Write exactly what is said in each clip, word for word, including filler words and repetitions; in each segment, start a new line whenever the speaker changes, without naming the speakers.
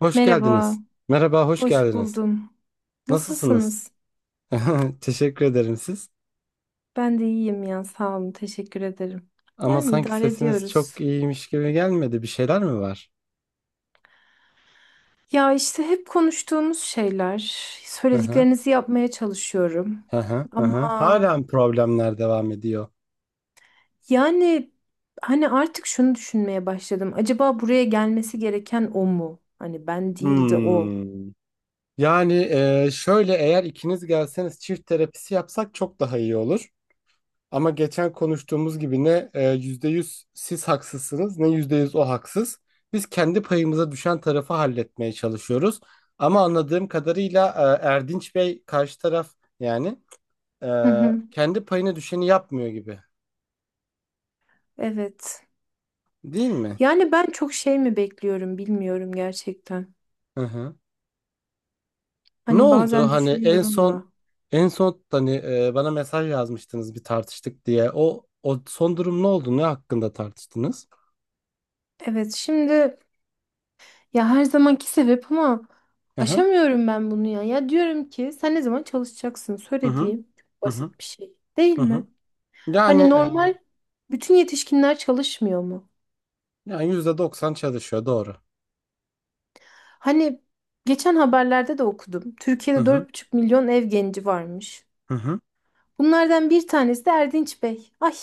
Hoş
Merhaba,
geldiniz. Merhaba, hoş
hoş
geldiniz.
buldum.
Nasılsınız?
Nasılsınız?
Teşekkür ederim siz.
Ben de iyiyim ya, sağ olun, teşekkür ederim.
Ama
Yani
sanki
idare
sesiniz
ediyoruz.
çok iyiymiş gibi gelmedi. Bir şeyler mi var?
Ya işte hep konuştuğumuz şeyler,
Hı hı.
söylediklerinizi yapmaya çalışıyorum.
Hı hı. Hı hı.
Ama
Halen problemler devam ediyor.
yani hani artık şunu düşünmeye başladım. Acaba buraya gelmesi gereken o mu? Hani ben değil de o.
Hmm. Yani e, şöyle eğer ikiniz gelseniz çift terapisi yapsak çok daha iyi olur. Ama geçen konuştuğumuz gibi ne e, yüzde yüz siz haksızsınız ne yüzde yüz o haksız. Biz kendi payımıza düşen tarafı halletmeye çalışıyoruz. Ama anladığım kadarıyla e, Erdinç Bey karşı taraf yani e,
Hı hı.
kendi payına düşeni yapmıyor gibi.
Evet.
Değil mi?
Yani ben çok şey mi bekliyorum bilmiyorum gerçekten.
Hı hı. Ne
Hani
oldu
bazen
hani en
düşünüyorum
son
da.
en son hani e, bana mesaj yazmıştınız bir tartıştık diye. O o son durum ne oldu? Ne hakkında tartıştınız?
Evet, şimdi. Ya her zamanki sebep ama
Hı hı.
aşamıyorum ben bunu ya. Ya diyorum ki sen ne zaman çalışacaksın?
Hı hı.
Söylediğim çok
Hı hı.
basit bir şey değil
Hı hı.
mi?
Yani
Hani
e,
normal bütün yetişkinler çalışmıyor mu?
Yani yüzde doksan çalışıyor doğru.
Hani geçen haberlerde de okudum.
Hı
Türkiye'de
hı.
dört buçuk milyon ev genci varmış.
Hı hı.
Bunlardan bir tanesi de Erdinç Bey. Ay,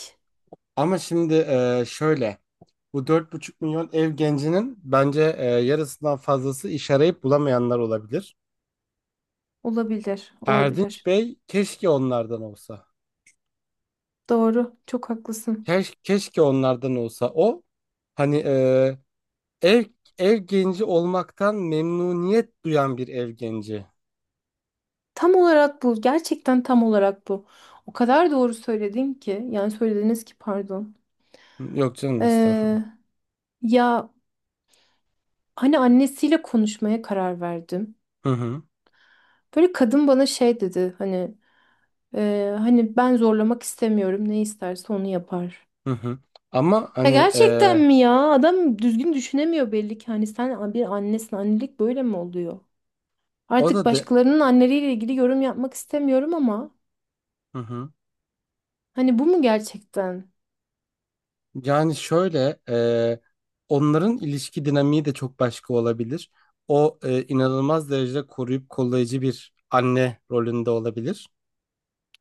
Ama şimdi e, şöyle bu dört buçuk milyon ev gencinin bence e, yarısından fazlası iş arayıp bulamayanlar olabilir.
olabilir,
Erdinç
olabilir.
Bey keşke onlardan olsa.
Doğru, çok haklısın.
Keş, keşke onlardan olsa. O hani e, ev ev genci olmaktan memnuniyet duyan bir ev genci.
Tam olarak bu, gerçekten tam olarak bu. O kadar doğru söyledin ki, yani söylediniz ki pardon.
Yok canım estağfurullah.
Ee, Ya hani annesiyle konuşmaya karar verdim.
Hı hı.
Böyle kadın bana şey dedi hani, e, hani ben zorlamak istemiyorum, ne isterse onu yapar.
Hı hı. Ama
Ya
hani e,
gerçekten mi ya? Adam düzgün düşünemiyor belli ki. Hani sen bir annesin, annelik böyle mi oluyor?
o da
Artık
de.
başkalarının anneleriyle ilgili yorum yapmak istemiyorum ama
Hı hı.
hani bu mu gerçekten?
Yani şöyle, e, onların ilişki dinamiği de çok başka olabilir. O e, inanılmaz derecede koruyup kollayıcı bir anne rolünde olabilir.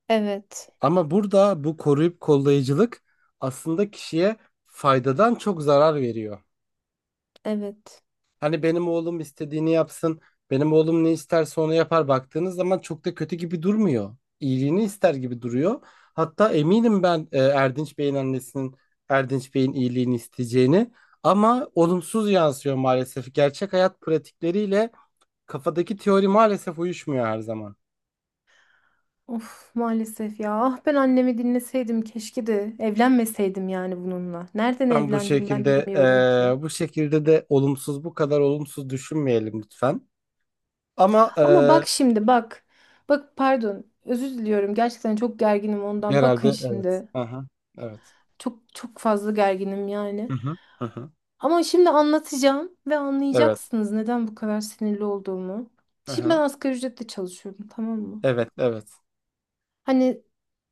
Evet,
Ama burada bu koruyup kollayıcılık aslında kişiye faydadan çok zarar veriyor.
evet.
Hani benim oğlum istediğini yapsın, benim oğlum ne isterse onu yapar, baktığınız zaman çok da kötü gibi durmuyor. İyiliğini ister gibi duruyor. Hatta eminim ben e, Erdinç Bey'in annesinin Erdinç Bey'in iyiliğini isteyeceğini, ama olumsuz yansıyor maalesef. Gerçek hayat pratikleriyle kafadaki teori maalesef uyuşmuyor her zaman.
Of maalesef ya. Ah ben annemi dinleseydim keşke de evlenmeseydim yani bununla. Nereden
Ben bu
evlendim ben
şekilde
bilmiyorum ki.
e, bu şekilde de olumsuz bu kadar olumsuz düşünmeyelim lütfen. Ama e,
Ama bak şimdi bak. Bak pardon. Özür diliyorum. Gerçekten çok gerginim ondan.
herhalde
Bakın
evet.
şimdi.
Aha, evet.
Çok çok fazla gerginim yani.
Hı hı. Hı hı.
Ama şimdi anlatacağım ve
Evet.
anlayacaksınız neden bu kadar sinirli olduğumu. Şimdi ben
Aha.
asgari ücretle çalışıyorum, tamam mı?
Evet, evet.
Hani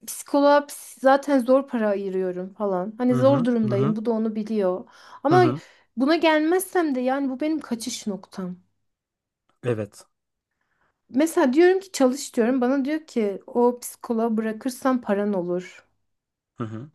psikoloğa ps- zaten zor para ayırıyorum falan.
Hı
Hani zor
hı, hı hı,
durumdayım. Bu da onu biliyor.
hı
Ama
hı.
buna gelmezsem de yani bu benim kaçış noktam.
Evet.
Mesela diyorum ki çalış diyorum. Bana diyor ki o psikoloğa bırakırsan paran olur.
Hı hı.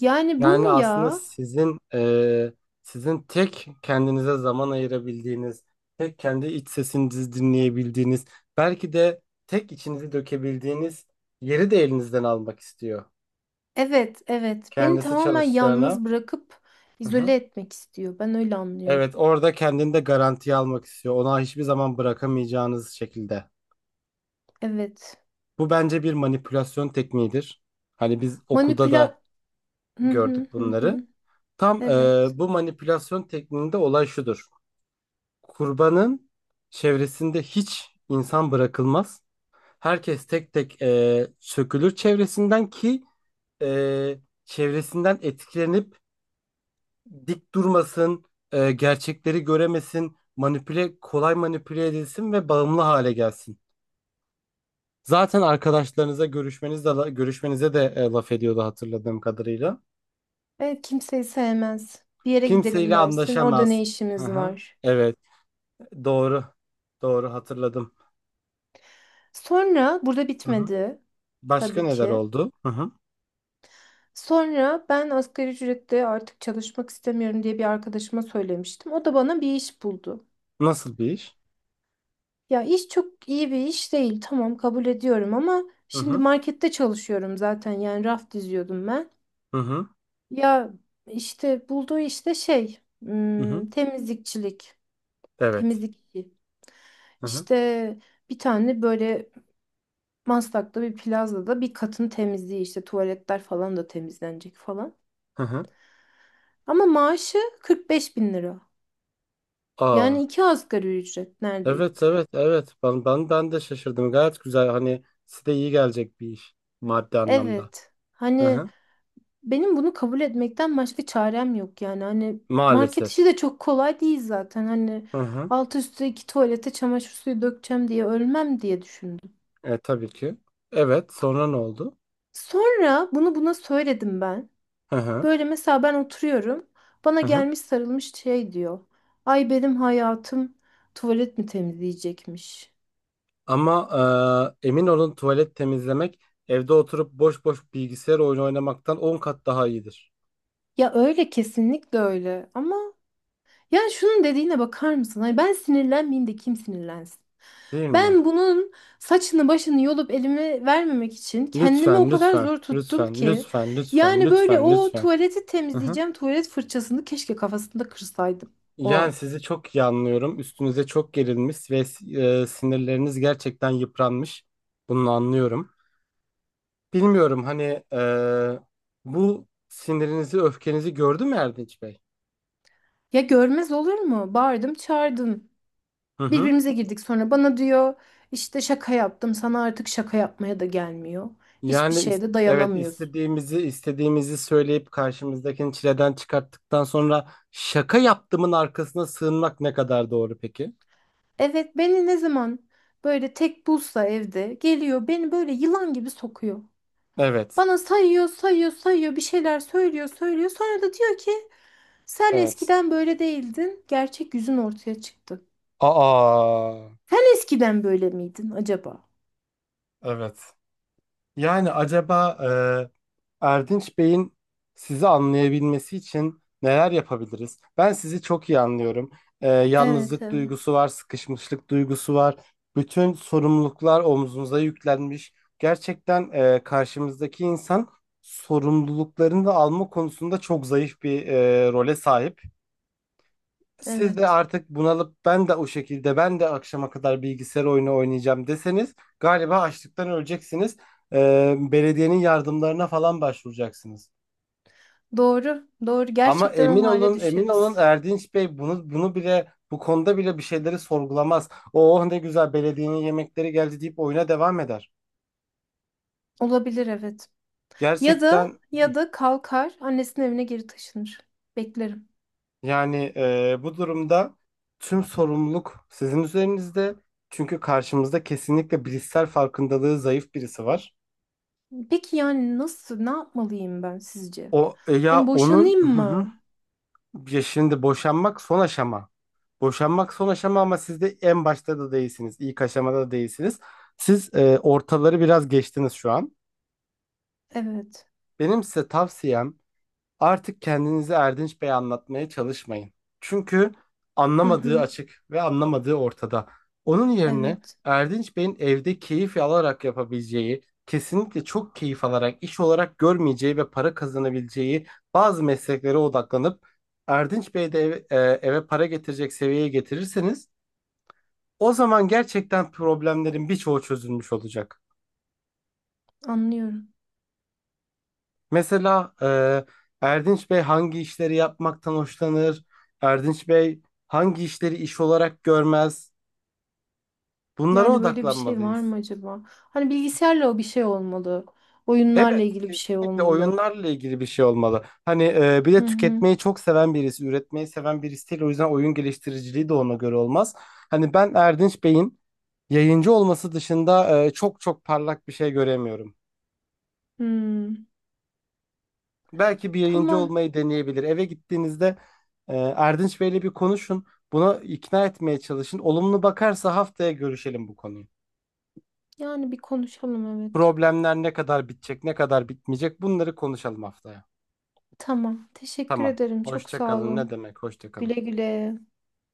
Yani bu mu
Yani aslında
ya?
sizin e, sizin tek kendinize zaman ayırabildiğiniz, tek kendi iç sesinizi dinleyebildiğiniz, belki de tek içinizi dökebildiğiniz yeri de elinizden almak istiyor.
Evet, evet. Beni
Kendisi
tamamen
çalışacağına.
yalnız bırakıp
Aha.
izole etmek istiyor. Ben öyle anlıyorum.
Evet, orada kendini de garantiye almak istiyor. Ona hiçbir zaman bırakamayacağınız şekilde.
Evet.
Bu bence bir manipülasyon tekniğidir. Hani biz okulda da
Manipüla... Hı hı
gördük
hı
bunları.
hı.
Tam e,
Evet.
bu manipülasyon tekniğinde olay şudur. Kurbanın çevresinde hiç insan bırakılmaz. Herkes tek tek e, sökülür çevresinden ki e, çevresinden etkilenip dik durmasın, e, gerçekleri göremesin, manipüle kolay manipüle edilsin ve bağımlı hale gelsin. Zaten arkadaşlarınıza görüşmeniz de, görüşmenize de e, laf ediyordu hatırladığım kadarıyla.
Evet, kimseyi sevmez. Bir yere gidelim
Kimseyle
dersin. Orada
anlaşamaz.
ne
Hı
işimiz
hı.
var?
Evet. Doğru. Doğru hatırladım.
Sonra burada
Hı hı.
bitmedi
Başka
tabii
neler
ki.
oldu? Hı hı.
Sonra ben asgari ücretle artık çalışmak istemiyorum diye bir arkadaşıma söylemiştim. O da bana bir iş buldu.
Nasıl bir iş?
Ya iş çok iyi bir iş değil. Tamam kabul ediyorum ama
Hı
şimdi
hı.
markette çalışıyorum zaten. Yani raf diziyordum ben.
Hı hı.
Ya işte bulduğu işte şey,
Hı hı.
hmm, temizlikçilik.
Evet.
Temizlikçi.
Hı hı.
İşte bir tane böyle Maslak'ta bir plazada bir katın temizliği, işte tuvaletler falan da temizlenecek falan.
Hı hı.
Ama maaşı kırk beş bin lira.
Aa.
Yani iki asgari ücret
Evet,
neredeyse.
evet, evet. Ben ben ben de şaşırdım. Gayet güzel. Hani size iyi gelecek bir iş, maddi anlamda.
Evet.
Hı
Hani
hı.
Benim bunu kabul etmekten başka çarem yok yani. Hani market
Maalesef.
işi de çok kolay değil zaten. Hani
Hı hı.
alt üstü iki tuvalete çamaşır suyu dökeceğim diye ölmem diye düşündüm.
E tabii ki. Evet. Sonra ne oldu?
Sonra bunu buna söyledim ben.
Hı hı.
Böyle mesela ben oturuyorum. Bana
Hı hı.
gelmiş sarılmış şey diyor. Ay benim hayatım tuvalet mi temizleyecekmiş?
Ama e, emin olun, tuvalet temizlemek evde oturup boş boş bilgisayar oyunu oynamaktan on kat daha iyidir.
Ya öyle kesinlikle öyle. Ama yani şunun dediğine bakar mısın? Ay ben sinirlenmeyeyim de kim sinirlensin?
Değil mi?
Ben bunun saçını başını yolup elime vermemek için kendimi o
Lütfen,
kadar
lütfen,
zor tuttum
lütfen,
ki.
lütfen, lütfen,
Yani böyle
lütfen,
o
lütfen.
tuvaleti
Hı. Hı.
temizleyeceğim, tuvalet fırçasını keşke kafasında kırsaydım o an.
Yani sizi çok iyi anlıyorum. Üstünüze çok gerilmiş ve si, e, sinirleriniz gerçekten yıpranmış. Bunu anlıyorum. Bilmiyorum hani e, bu sinirinizi, öfkenizi gördü mü Erdinç Bey?
Ya görmez olur mu? Bağırdım çağırdım.
Hı hı.
Birbirimize girdik, sonra bana diyor işte şaka yaptım, sana artık şaka yapmaya da gelmiyor. Hiçbir
Yani, is-
şeye de
evet,
dayanamıyorsun.
istediğimizi, istediğimizi söyleyip karşımızdakini çileden çıkarttıktan sonra şaka yaptığımın arkasına sığınmak ne kadar doğru peki?
Evet, beni ne zaman böyle tek bulsa evde geliyor, beni böyle yılan gibi sokuyor.
Evet,
Bana sayıyor, sayıyor, sayıyor, bir şeyler söylüyor, söylüyor. Sonra da diyor ki sen
evet.
eskiden böyle değildin. Gerçek yüzün ortaya çıktı.
Aa.
Sen eskiden böyle miydin acaba?
Evet. Yani acaba e, Erdinç Bey'in sizi anlayabilmesi için neler yapabiliriz? Ben sizi çok iyi anlıyorum. E,
Evet,
yalnızlık
evet,
duygusu var, sıkışmışlık duygusu var. Bütün sorumluluklar omzunuza yüklenmiş. Gerçekten e, karşımızdaki insan sorumluluklarını da alma konusunda çok zayıf bir e, role sahip. Siz de
evet.
artık bunalıp ben de o şekilde ben de akşama kadar bilgisayar oyunu oynayacağım deseniz galiba açlıktan öleceksiniz. Ee, belediyenin yardımlarına falan başvuracaksınız.
Doğru, doğru.
Ama
Gerçekten
emin
o hale
olun emin olun
düşeriz.
Erdinç Bey bunu bunu bile bu konuda bile bir şeyleri sorgulamaz. Oh ne güzel, belediyenin yemekleri geldi deyip oyuna devam eder.
Olabilir, evet. Ya da
Gerçekten
ya da kalkar, annesinin evine geri taşınır. Beklerim.
yani e, bu durumda tüm sorumluluk sizin üzerinizde. Çünkü karşımızda kesinlikle bilişsel farkındalığı zayıf birisi var.
Peki yani nasıl, ne yapmalıyım ben sizce?
O e, ya
Hani
onun.
boşanayım
Hı hı.
mı?
Ya şimdi boşanmak son aşama. Boşanmak son aşama ama siz de en başta da değilsiniz. İlk aşamada da değilsiniz. Siz e, ortaları biraz geçtiniz şu an.
Evet.
Benim size tavsiyem, Artık kendinizi Erdinç Bey'e anlatmaya çalışmayın. Çünkü
Hı
anlamadığı
hı.
açık ve anlamadığı ortada. Onun yerine
Evet.
Erdinç Bey'in evde keyif alarak yapabileceği, kesinlikle çok keyif alarak, iş olarak görmeyeceği ve para kazanabileceği bazı mesleklere odaklanıp Erdinç Bey de eve, e, eve para getirecek seviyeye getirirseniz o zaman gerçekten problemlerin birçoğu çözülmüş olacak.
Anlıyorum.
Mesela e, Erdinç Bey hangi işleri yapmaktan hoşlanır? Erdinç Bey hangi işleri iş olarak görmez? Bunlara
Yani böyle bir şey var
odaklanmalıyız.
mı acaba? Hani bilgisayarla o bir şey olmalı. Oyunlarla
Evet,
ilgili bir şey
kesinlikle
olmalı.
oyunlarla ilgili bir şey olmalı. Hani e, bir
Hı
de
hı.
tüketmeyi çok seven birisi, üretmeyi seven birisi değil. O yüzden oyun geliştiriciliği de ona göre olmaz. Hani ben Erdinç Bey'in yayıncı olması dışında e, çok çok parlak bir şey göremiyorum.
Hmm.
Belki bir yayıncı
Tamam.
olmayı deneyebilir. Eve gittiğinizde e, Erdinç Bey'le bir konuşun. Buna ikna etmeye çalışın. Olumlu bakarsa haftaya görüşelim bu konuyu.
Yani bir konuşalım evet.
Problemler ne kadar bitecek, ne kadar bitmeyecek bunları konuşalım haftaya.
Tamam. Teşekkür
Tamam.
ederim. Çok
Hoşça
sağ
kalın. Ne
olun.
demek? Hoşça
Güle
kalın.
güle.